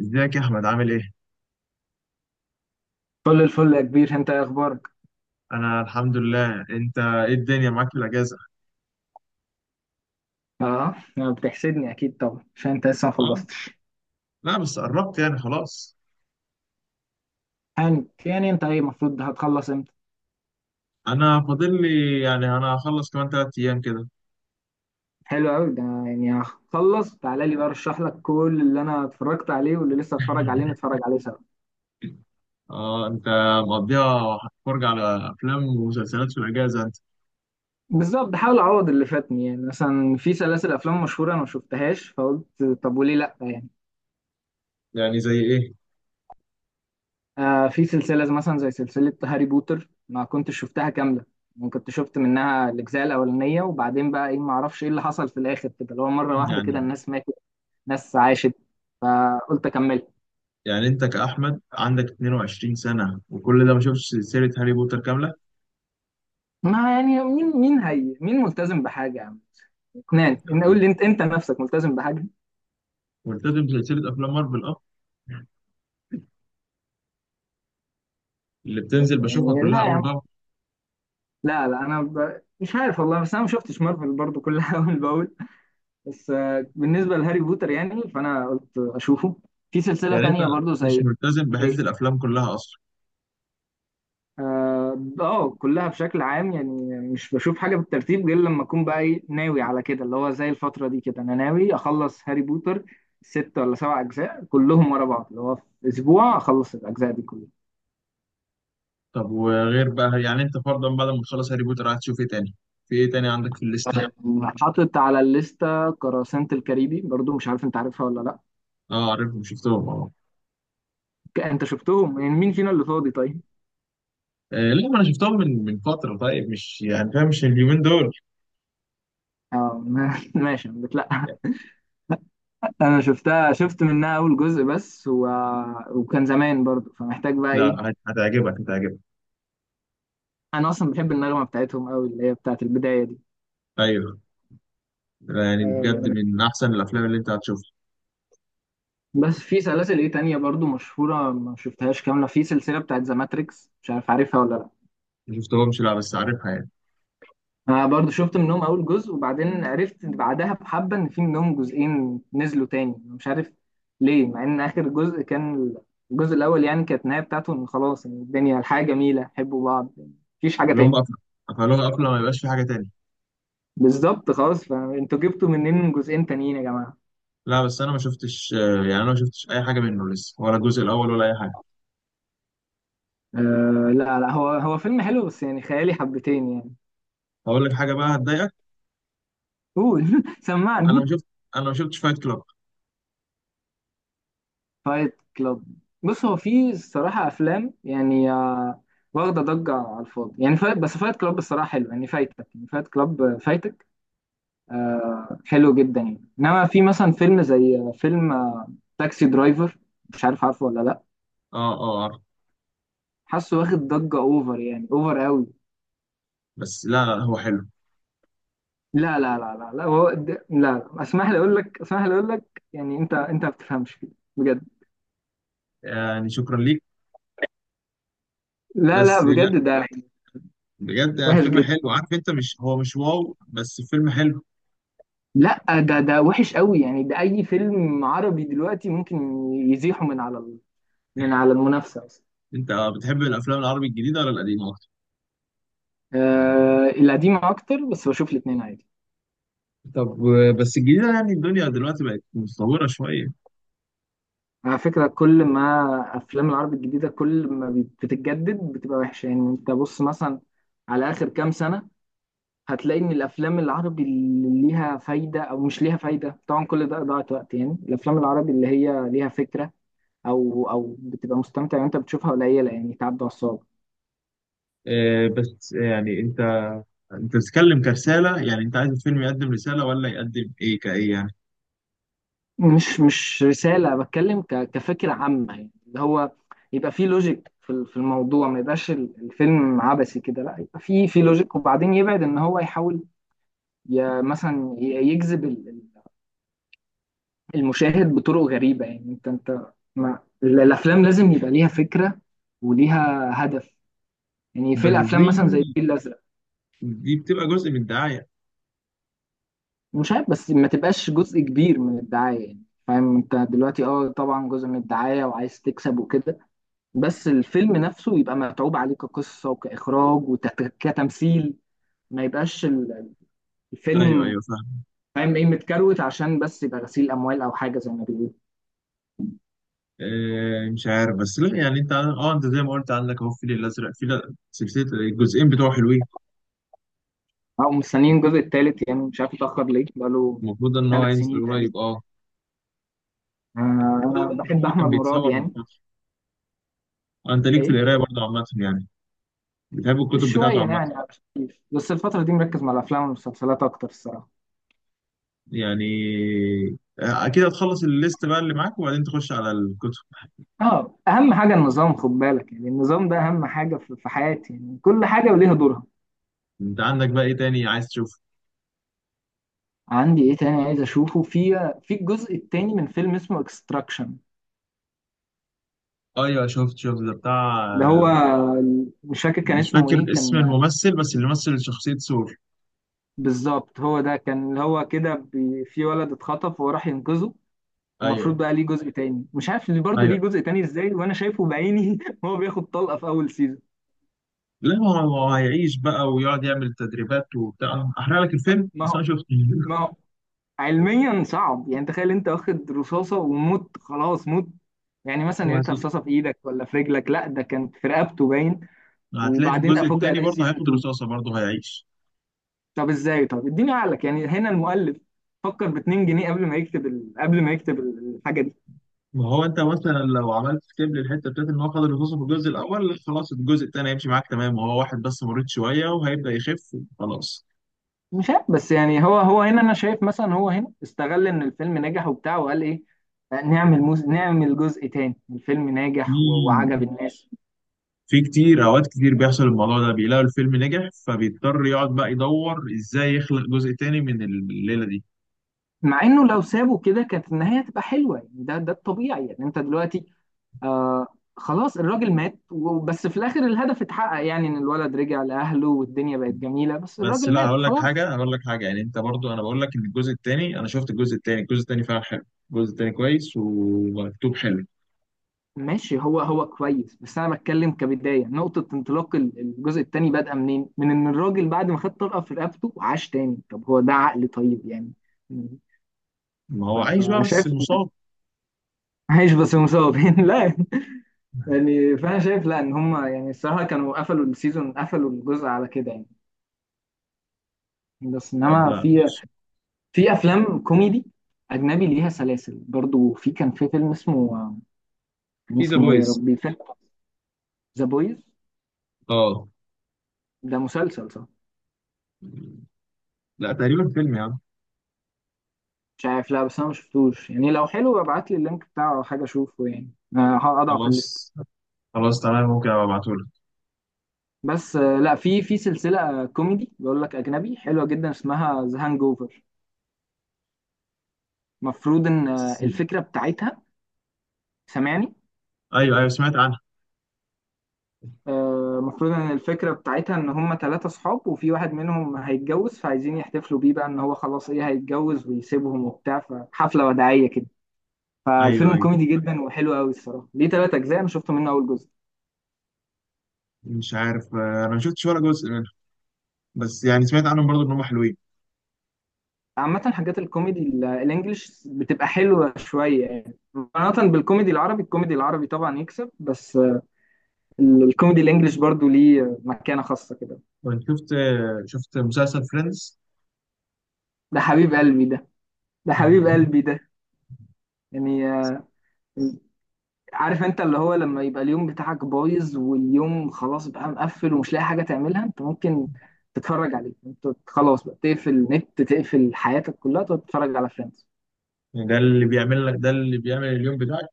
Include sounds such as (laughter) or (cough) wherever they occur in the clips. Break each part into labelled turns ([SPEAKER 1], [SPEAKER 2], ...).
[SPEAKER 1] ازيك يا احمد؟ عامل ايه؟
[SPEAKER 2] كل الفل يا كبير، انت ايه اخبارك؟
[SPEAKER 1] انا الحمد لله. انت ايه الدنيا معاك في الاجازه؟
[SPEAKER 2] اه بتحسدني اكيد طبعا عشان انت لسه ما
[SPEAKER 1] اه.
[SPEAKER 2] خلصتش.
[SPEAKER 1] لا بس قربت يعني خلاص.
[SPEAKER 2] يعني انت ايه المفروض هتخلص امتى؟
[SPEAKER 1] انا فاضل لي يعني انا هخلص كمان ثلاث ايام كده.
[SPEAKER 2] حلو قوي ده، يعني هخلص تعالى لي بقى ارشح لك كل اللي انا اتفرجت عليه واللي لسه اتفرج عليه نتفرج عليه سوا.
[SPEAKER 1] اه انت مقضيها فرجة على افلام ومسلسلات في الاجازه انت؟
[SPEAKER 2] بالظبط، حاول اعوض اللي فاتني. يعني مثلا في سلاسل افلام مشهوره انا ما شفتهاش، فقلت طب وليه لا يعني.
[SPEAKER 1] يعني زي ايه؟
[SPEAKER 2] آه في سلسله مثلا زي سلسله هاري بوتر ما كنتش شفتها كامله. يعني كنت شفت منها الاجزاء الاولانيه، وبعدين بقى ايه، ما اعرفش ايه اللي حصل في الاخر كده، اللي هو مره واحده كده
[SPEAKER 1] يعني
[SPEAKER 2] الناس ماتت، ناس عاشت، فقلت اكمل.
[SPEAKER 1] يعني انت كاحمد عندك 22 سنه وكل ده ما شفتش سلسله هاري بوتر كامله؟
[SPEAKER 2] ما يعني مين هي، مين ملتزم بحاجه يا عم؟ اثنان ان اقول لي انت نفسك ملتزم بحاجه؟
[SPEAKER 1] ملتزم بسلسله افلام مارفل، اه، اللي بتنزل بشوفها
[SPEAKER 2] يعني
[SPEAKER 1] كلها
[SPEAKER 2] لا يا
[SPEAKER 1] اول
[SPEAKER 2] عم،
[SPEAKER 1] باول.
[SPEAKER 2] لا لا، مش عارف والله، بس انا ما شفتش مارفل برضو كلها (laughs) اول باول. بس بالنسبه لهاري بوتر يعني، فانا قلت اشوفه في سلسله
[SPEAKER 1] يعني انت
[SPEAKER 2] تانية برضو
[SPEAKER 1] مش
[SPEAKER 2] زي
[SPEAKER 1] ملتزم بحيث
[SPEAKER 2] ايه.
[SPEAKER 1] الافلام كلها؟
[SPEAKER 2] اه كلها بشكل عام يعني، مش بشوف حاجه بالترتيب غير لما اكون بقى ايه، ناوي على كده، اللي هو زي الفتره دي كده، انا ناوي اخلص هاري بوتر، ست ولا سبع اجزاء كلهم ورا بعض، اللي هو في اسبوع اخلص الاجزاء دي كلها.
[SPEAKER 1] طب وغير بقى، يعني انت فرضا بعد ما تخلص هاري بوتر قاعد تشوف ايه تاني؟ في ايه تاني عندك في الليسته؟
[SPEAKER 2] حاطط على الليسته قراصنة الكاريبي برضو، مش عارف انت عارفها ولا لا.
[SPEAKER 1] (laughs) اه عارفهم، شفتهم اه.
[SPEAKER 2] انت شفتهم؟ يعني مين فينا اللي فاضي طيب؟
[SPEAKER 1] لا ما انا شفتهم من فتره، طيب مش يعني فاهم، مش اليومين دول.
[SPEAKER 2] اه (laughs) ماشي، أنا بتلا
[SPEAKER 1] يعني.
[SPEAKER 2] (laughs) انا شفتها، شفت منها اول جزء وكان زمان برضو، فمحتاج بقى
[SPEAKER 1] لا
[SPEAKER 2] ايه.
[SPEAKER 1] لا، هتعجبك، هتعجبك.
[SPEAKER 2] انا اصلا بحب النغمه بتاعتهم قوي، اللي هي بتاعت البدايه دي.
[SPEAKER 1] ايوه. لا، يعني
[SPEAKER 2] آه،
[SPEAKER 1] بجد من احسن الافلام اللي انت هتشوفها.
[SPEAKER 2] بس في سلاسل ايه تانية برضو مشهوره ما شفتهاش كامله، في سلسله بتاعت ذا ماتريكس، مش عارف عارفها ولا لا.
[SPEAKER 1] ما شفتهمش لا، بس عارفها يعني.
[SPEAKER 2] انا برضو شفت منهم اول جزء، وبعدين عرفت بعدها بحبه ان في منهم جزئين نزلوا تاني، مش عارف ليه، مع ان اخر جزء كان، الجزء الاول يعني، كانت النهايه بتاعته ان خلاص، إن الدنيا الحياه جميله، حبوا بعض، مفيش حاجه
[SPEAKER 1] اللي هم
[SPEAKER 2] تاني.
[SPEAKER 1] قفل- قفلوها قفله ما يبقاش في حاجه تاني.
[SPEAKER 2] بالظبط، خلاص، فانتوا جبتوا منين جزئين تانيين يا جماعه؟
[SPEAKER 1] لا بس انا ما شفتش، يعني انا ما شفتش اي حاجه منه لسه، ولا الجزء الاول ولا اي حاجه.
[SPEAKER 2] آه، لا لا، هو فيلم حلو بس يعني خيالي حبتين يعني.
[SPEAKER 1] هقول لك حاجه بقى هتضايقك.
[SPEAKER 2] قول (laughs)
[SPEAKER 1] انا
[SPEAKER 2] سمعني.
[SPEAKER 1] ما شفت انا ما شفتش فايت كلاب.
[SPEAKER 2] فايت كلاب؟ بص، هو في الصراحة أفلام يعني واخدة ضجة على الفاضي، يعني فايت، بس فايت كلاب الصراحة حلو، يعني فايتك، يعني فايت كلاب فايتك، آه حلو جدا يعني. إنما في مثلا فيلم زي آه، فيلم آه، تاكسي درايفر، مش عارف عارفه ولا لأ.
[SPEAKER 1] اه اه عارف.
[SPEAKER 2] حاسه واخد ضجة أوفر، يعني أوفر قوي.
[SPEAKER 1] بس لا لا هو حلو
[SPEAKER 2] لا لا لا لا لا، لا، لا، اسمح لي أقول لك، اسمح لي أقول لك، يعني أنت ما بتفهمش كده بجد.
[SPEAKER 1] يعني. شكرا ليك.
[SPEAKER 2] لا لا
[SPEAKER 1] بس لا،
[SPEAKER 2] بجد ده
[SPEAKER 1] بجد
[SPEAKER 2] وحش
[SPEAKER 1] فيلم
[SPEAKER 2] جدا.
[SPEAKER 1] حلو، عارف انت، مش هو مش واو، بس فيلم حلو.
[SPEAKER 2] لا ده وحش قوي يعني، ده اي فيلم عربي دلوقتي ممكن يزيحوا من على من على المنافسه اصلا.
[SPEAKER 1] انت بتحب الافلام العربي الجديده ولا القديمه اكتر؟
[SPEAKER 2] آه القديم اكتر، بس بشوف الاثنين عادي.
[SPEAKER 1] طب بس الجديده يعني الدنيا دلوقتي بقت متطوره شويه.
[SPEAKER 2] على فكره، كل ما افلام العربي الجديده، كل ما بتتجدد بتبقى وحشه. يعني انت بص مثلا على اخر كام سنه، هتلاقي ان الافلام العربي اللي ليها فايده او مش ليها فايده، طبعا كل ده ضاعة وقت، يعني الافلام العربي اللي هي ليها فكره، او بتبقى مستمتع وانت بتشوفها قليله، يعني تعدي على الصعب.
[SPEAKER 1] بس يعني انت، انت بتتكلم كرساله؟ يعني انت عايز الفيلم يقدم رساله ولا يقدم ايه كايه يعني؟
[SPEAKER 2] مش رسالة، بتكلم كفكرة عامة، يعني اللي هو يبقى فيه لوجيك في الموضوع، ما يبقاش الفيلم عبثي كده، لا يبقى فيه لوجيك، وبعدين يبعد ان هو يحاول، مثلا يجذب المشاهد بطرق غريبة، يعني انت ما الافلام لازم يبقى ليها فكرة وليها هدف، يعني في
[SPEAKER 1] بس
[SPEAKER 2] الافلام
[SPEAKER 1] دي
[SPEAKER 2] مثلا زي الفيل الازرق.
[SPEAKER 1] دي بتبقى جزء من الدعايه.
[SPEAKER 2] مش عارف، بس ما تبقاش جزء كبير من الدعاية، يعني فاهم انت دلوقتي، اه طبعا جزء من الدعاية وعايز تكسب وكده، بس الفيلم نفسه يبقى متعوب عليه كقصة وكإخراج وكتمثيل، ما يبقاش
[SPEAKER 1] ايوه
[SPEAKER 2] الفيلم،
[SPEAKER 1] ايوه فاهم.
[SPEAKER 2] فاهم ايه، متكروت عشان بس يبقى غسيل أموال أو حاجة زي ما بيقولوا.
[SPEAKER 1] مش عارف، بس لا يعني انت، اه انت زي ما قلت عندك اهو الفيل الازرق، في سلسله الجزئين بتوعه حلوين.
[SPEAKER 2] أو مستنيين الجزء التالت يعني، مش عارف اتأخر ليه، بقاله
[SPEAKER 1] المفروض ان هو
[SPEAKER 2] ثلاث سنين
[SPEAKER 1] هينزل
[SPEAKER 2] تقريبا.
[SPEAKER 1] قريب اه.
[SPEAKER 2] آه،
[SPEAKER 1] المفروض
[SPEAKER 2] أنا
[SPEAKER 1] ان
[SPEAKER 2] بحب
[SPEAKER 1] هو كان
[SPEAKER 2] أحمد مراد
[SPEAKER 1] بيتصور من
[SPEAKER 2] يعني.
[SPEAKER 1] فتره. انت ليك في
[SPEAKER 2] ايه،
[SPEAKER 1] القرايه برضه عامه يعني؟ بتحب الكتب بتاعته
[SPEAKER 2] شوية
[SPEAKER 1] عامه؟
[SPEAKER 2] يعني، بس الفترة دي مركز مع الأفلام والمسلسلات أكتر الصراحة.
[SPEAKER 1] يعني اكيد هتخلص الليست بقى اللي معاك وبعدين تخش على الكتب.
[SPEAKER 2] اه أهم حاجة النظام، خد بالك، يعني النظام ده أهم حاجة في حياتي، يعني كل حاجة وليها دورها.
[SPEAKER 1] انت عندك بقى ايه تاني عايز تشوفه؟
[SPEAKER 2] عندي ايه تاني عايز اشوفه؟ في الجزء التاني من فيلم اسمه اكستراكشن،
[SPEAKER 1] ايوه شفت ده
[SPEAKER 2] اللي هو،
[SPEAKER 1] بتاع.
[SPEAKER 2] مش فاكر كان
[SPEAKER 1] مش
[SPEAKER 2] اسمه
[SPEAKER 1] فاكر
[SPEAKER 2] ايه
[SPEAKER 1] اسم
[SPEAKER 2] كان.
[SPEAKER 1] الممثل، بس اللي مثل شخصيه سور.
[SPEAKER 2] بالظبط، هو ده كان، اللي هو كده في ولد اتخطف وهو راح ينقذه، ومفروض
[SPEAKER 1] ايوه
[SPEAKER 2] بقى ليه جزء تاني، مش عارف اللي برضه
[SPEAKER 1] ايوه.
[SPEAKER 2] ليه جزء تاني ازاي وانا شايفه بعيني (laughs) وهو بياخد طلقة في اول سيزون.
[SPEAKER 1] لا هو هيعيش بقى ويقعد يعمل تدريبات وبتاع. احرق لك الفيلم
[SPEAKER 2] ما
[SPEAKER 1] بس
[SPEAKER 2] هو
[SPEAKER 1] انا شفته.
[SPEAKER 2] ما
[SPEAKER 1] (laughs)
[SPEAKER 2] هو علميا صعب، يعني تخيل انت واخد رصاصة وموت، خلاص موت. يعني مثلا يا ريتها
[SPEAKER 1] وهتلاقي
[SPEAKER 2] رصاصة في ايدك ولا في رجلك، لا ده كانت في رقبته باين.
[SPEAKER 1] هتلاقي في
[SPEAKER 2] وبعدين
[SPEAKER 1] الجزء
[SPEAKER 2] افوجئ
[SPEAKER 1] التاني
[SPEAKER 2] الاقي
[SPEAKER 1] برضه
[SPEAKER 2] سيزون،
[SPEAKER 1] هياخد رصاصه برضه هيعيش.
[SPEAKER 2] طب ازاي؟ طب اديني عقلك، يعني هنا المؤلف فكر ب 2 جنيه قبل ما يكتب الحاجه دي.
[SPEAKER 1] ما هو انت مثلا لو عملت سكيب للحته بتاعت ان هو خد الرصاصه في الجزء الاول، خلاص الجزء الثاني هيمشي معاك تمام، وهو واحد بس مريض شويه وهيبدا يخف خلاص.
[SPEAKER 2] مش عارف، بس يعني هو هنا انا شايف، مثلا هو هنا استغل ان الفيلم نجح وبتاع، وقال ايه، نعمل جزء تاني، الفيلم ناجح
[SPEAKER 1] في
[SPEAKER 2] وعجب الناس.
[SPEAKER 1] في كتير اوقات كتير بيحصل الموضوع ده، بيلاقوا الفيلم نجح فبيضطر يقعد بقى يدور ازاي يخلق جزء تاني من الليله دي.
[SPEAKER 2] مع انه لو سابه كده كانت النهايه هتبقى حلوه، يعني ده الطبيعي، يعني انت دلوقتي آه خلاص الراجل مات بس في الاخر الهدف اتحقق يعني، ان الولد رجع لاهله والدنيا بقت جميله، بس
[SPEAKER 1] بس
[SPEAKER 2] الراجل
[SPEAKER 1] لا،
[SPEAKER 2] مات خلاص.
[SPEAKER 1] هقول لك حاجه يعني انت برضو، انا بقول لك ان الجزء التاني، الجزء التاني فعلا حلو. الجزء التاني كويس ومكتوب حلو.
[SPEAKER 2] ماشي، هو كويس، بس انا بتكلم كبدايه، نقطه انطلاق الجزء الثاني بدأ منين؟ من ان الراجل بعد ما خد طلقه في رقبته عاش تاني، طب هو ده عقل طيب يعني؟
[SPEAKER 1] ما هو عايش بقى بس
[SPEAKER 2] فشايف (laughs)
[SPEAKER 1] مصاب.
[SPEAKER 2] عايش بس مصاب (laughs) لا يعني فانا شايف لا ان هم، يعني الصراحه كانوا قفلوا السيزون، قفلوا الجزء على كده يعني، بس
[SPEAKER 1] طب
[SPEAKER 2] انما
[SPEAKER 1] لا،
[SPEAKER 2] في، في افلام كوميدي اجنبي ليها سلاسل برضو، في كان في فيلم اسمه، كان
[SPEAKER 1] في ذا
[SPEAKER 2] اسمه ايه يا
[SPEAKER 1] بويز.
[SPEAKER 2] ربي، فيلم. ذا بويز؟
[SPEAKER 1] اه.
[SPEAKER 2] ده مسلسل صح؟
[SPEAKER 1] لا تقريبا فيلم يا عم.
[SPEAKER 2] مش عارف، لا بس انا ما شفتوش يعني، لو حلو ابعت لي اللينك بتاعه او حاجه اشوفه يعني، هقطعه في الليست.
[SPEAKER 1] خلاص، خلاص تمام، ممكن ابقى ابعتهولك.
[SPEAKER 2] بس لا، في سلسله كوميدي بقول لك اجنبي حلوه جدا اسمها ذا هانج اوفر. المفروض ان
[SPEAKER 1] بس-
[SPEAKER 2] الفكره بتاعتها، سامعني؟
[SPEAKER 1] ايوه ايوه سمعت عنها.
[SPEAKER 2] المفروض ان الفكره بتاعتها ان هم ثلاثه صحاب وفي واحد منهم هيتجوز، فعايزين يحتفلوا بيه بقى ان هو خلاص ايه، هيتجوز ويسيبهم وبتاع، فحفله وداعيه كده،
[SPEAKER 1] ايوه
[SPEAKER 2] فالفيلم
[SPEAKER 1] ايوه
[SPEAKER 2] كوميدي جدا وحلو قوي الصراحه، ليه ثلاث اجزاء، انا شفت منه اول جزء.
[SPEAKER 1] مش عارف. انا ما شفتش ولا جزء منها، بس يعني سمعت عنهم برضه ان هم حلوين.
[SPEAKER 2] عامة حاجات الكوميدي الانجليش بتبقى حلوة شوية يعني، مقارنة بالكوميدي العربي، الكوميدي العربي طبعا يكسب، بس الكوميدي الانجليش برضو ليه مكانة خاصة كده.
[SPEAKER 1] كنت شفت، شفت مسلسل فريندز.
[SPEAKER 2] ده حبيب قلبي ده، ده حبيب قلبي
[SPEAKER 1] (laughs)
[SPEAKER 2] ده. يعني عارف انت اللي هو، لما يبقى اليوم بتاعك بايظ واليوم خلاص بقى مقفل ومش لاقي حاجة تعملها، انت ممكن تتفرج عليه، انت خلاص بقى تقفل النت، تقفل حياتك كلها، تقعد تتفرج على فريندز.
[SPEAKER 1] ده اللي بيعمل اليوم بتاعك.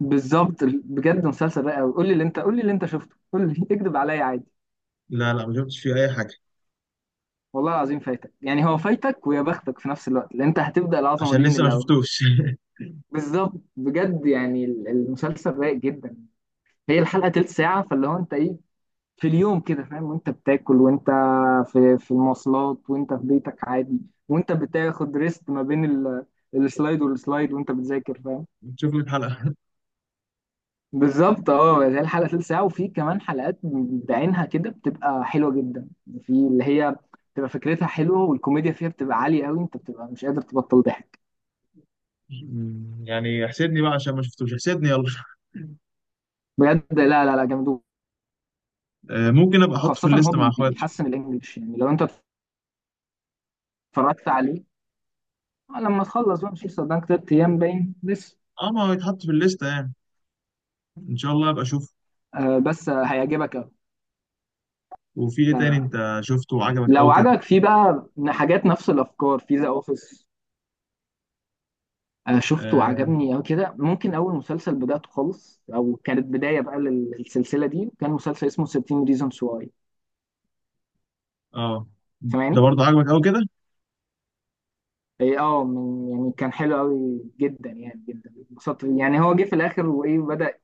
[SPEAKER 2] بالظبط، بجد مسلسل رائع قوي، قول لي اللي انت، قول لي اللي انت شفته، قول لي (laughs) اكذب عليا عادي.
[SPEAKER 1] لا لا ما شفتش فيه اي حاجه.
[SPEAKER 2] والله العظيم فايتك، يعني هو فايتك ويا بختك في نفس الوقت، لان انت هتبدا العظمه
[SPEAKER 1] عشان
[SPEAKER 2] دي من
[SPEAKER 1] لسه ما
[SPEAKER 2] الاول.
[SPEAKER 1] شفتوش.
[SPEAKER 2] بالظبط بجد، يعني المسلسل رايق جدا، هي الحلقه تلت ساعه، فاللي هو انت ايه، في اليوم كده فاهم، وانت بتاكل، وانت في المواصلات، وانت في بيتك عادي، وانت بتاخد ريست ما بين السلايد والسلايد، وانت بتذاكر فاهم.
[SPEAKER 1] (laughs) شوف لي حلقه.
[SPEAKER 2] بالظبط، اه هي الحلقه تلت ساعه، وفي كمان حلقات بعينها كده بتبقى حلوه جدا، في اللي هي بتبقى فكرتها حلوه، والكوميديا فيها بتبقى عاليه قوي، انت بتبقى مش قادر تبطل ضحك.
[SPEAKER 1] (laughs) يعني احسدني بقى عشان ما شفتوش، احسدني يلا.
[SPEAKER 2] بجد، لا لا لا جامد.
[SPEAKER 1] ممكن ابقى احطه في
[SPEAKER 2] وخاصة إن هو
[SPEAKER 1] الليست مع اخواته.
[SPEAKER 2] بيحسن الإنجليش، يعني لو أنت اتفرجت عليه لما تخلص بقى، مش لسه قدامك تلات أيام باين لسه.
[SPEAKER 1] اه ما هو يتحط في الليسته يعني، ان شاء الله ابقى اشوف.
[SPEAKER 2] آه بس هيعجبك أوي
[SPEAKER 1] وفي ايه
[SPEAKER 2] يعني.
[SPEAKER 1] تاني انت شفته وعجبك
[SPEAKER 2] لو
[SPEAKER 1] قوي كده؟
[SPEAKER 2] عجبك فيه بقى حاجات نفس الأفكار في ذا أوفيس، آه شفته
[SPEAKER 1] اه.
[SPEAKER 2] وعجبني أوي كده. ممكن أول مسلسل بدأته خالص، أو كانت بداية بقى للسلسلة دي، كان مسلسل اسمه 13 Reasons Why.
[SPEAKER 1] آه. ده
[SPEAKER 2] سامعني؟
[SPEAKER 1] برضه عجبك قوي كده؟
[SPEAKER 2] إيه أه يعني كان حلو أوي جدا، يعني جدا اتبسطت، يعني هو جه في الآخر وإيه بدأ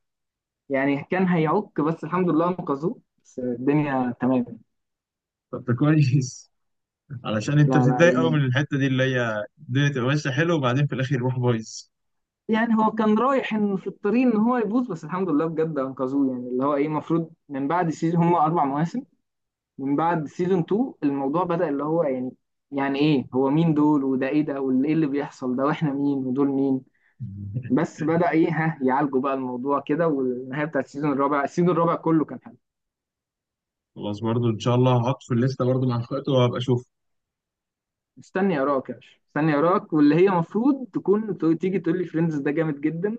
[SPEAKER 2] يعني كان هيعك، بس الحمد لله انقذوه، بس الدنيا تمام.
[SPEAKER 1] طب ده كويس. (laughs) علشان انت
[SPEAKER 2] لا لا
[SPEAKER 1] بتتضايق قوي
[SPEAKER 2] يعني،
[SPEAKER 1] من الحته دي اللي هي الدنيا تبقى ماشيه حلو وبعدين في الاخر يروح بايظ.
[SPEAKER 2] يعني كان رايح إن في الطريق ان هو يبوظ، بس الحمد لله بجد انقذوه. يعني اللي هو ايه، المفروض من بعد سيزون، هم اربع مواسم، من بعد سيزون 2 الموضوع بدأ اللي هو يعني، يعني ايه هو مين دول، وده ايه ده، وايه اللي بيحصل ده، واحنا مين، ودول مين؟
[SPEAKER 1] (laughs)
[SPEAKER 2] بس بدأ ايه، ها يعالجوا بقى الموضوع كده، والنهاية بتاعت السيزون الرابع، السيزون الرابع كله كان حلو.
[SPEAKER 1] خلاص برضه ان شاء الله هحط في الليسته برضه مع اخواته وهبقى اشوف.
[SPEAKER 2] مستني اراك يا باشا، مستني اراك، واللي هي المفروض تكون تيجي تقول لي فريندز ده جامد جدا،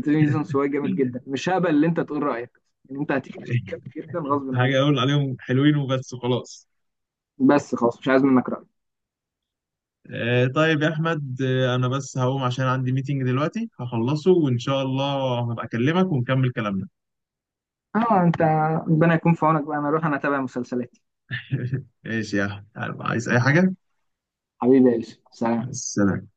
[SPEAKER 1] (laughs)
[SPEAKER 2] هو جامد جدا، مش هقبل ان انت تقول رايك، يعني انت هتيجي تقول جامد جدا غصب
[SPEAKER 1] حاجه
[SPEAKER 2] عنك،
[SPEAKER 1] اقول عليهم حلوين وبس وخلاص.
[SPEAKER 2] بس خلاص مش عايز منك راي.
[SPEAKER 1] آه طيب يا احمد، آه انا بس هقوم عشان عندي ميتنج دلوقتي هخلصه، وان شاء الله هبقى اكلمك ونكمل كلامنا.
[SPEAKER 2] اه انت، ربنا يكون في عونك بقى، انا اروح انا اتابع مسلسلاتي.
[SPEAKER 1] (laughs) ماشي يا احمد، عايز اي حاجه؟
[SPEAKER 2] حبيبي يا يوسف، سلام.
[SPEAKER 1] السلام.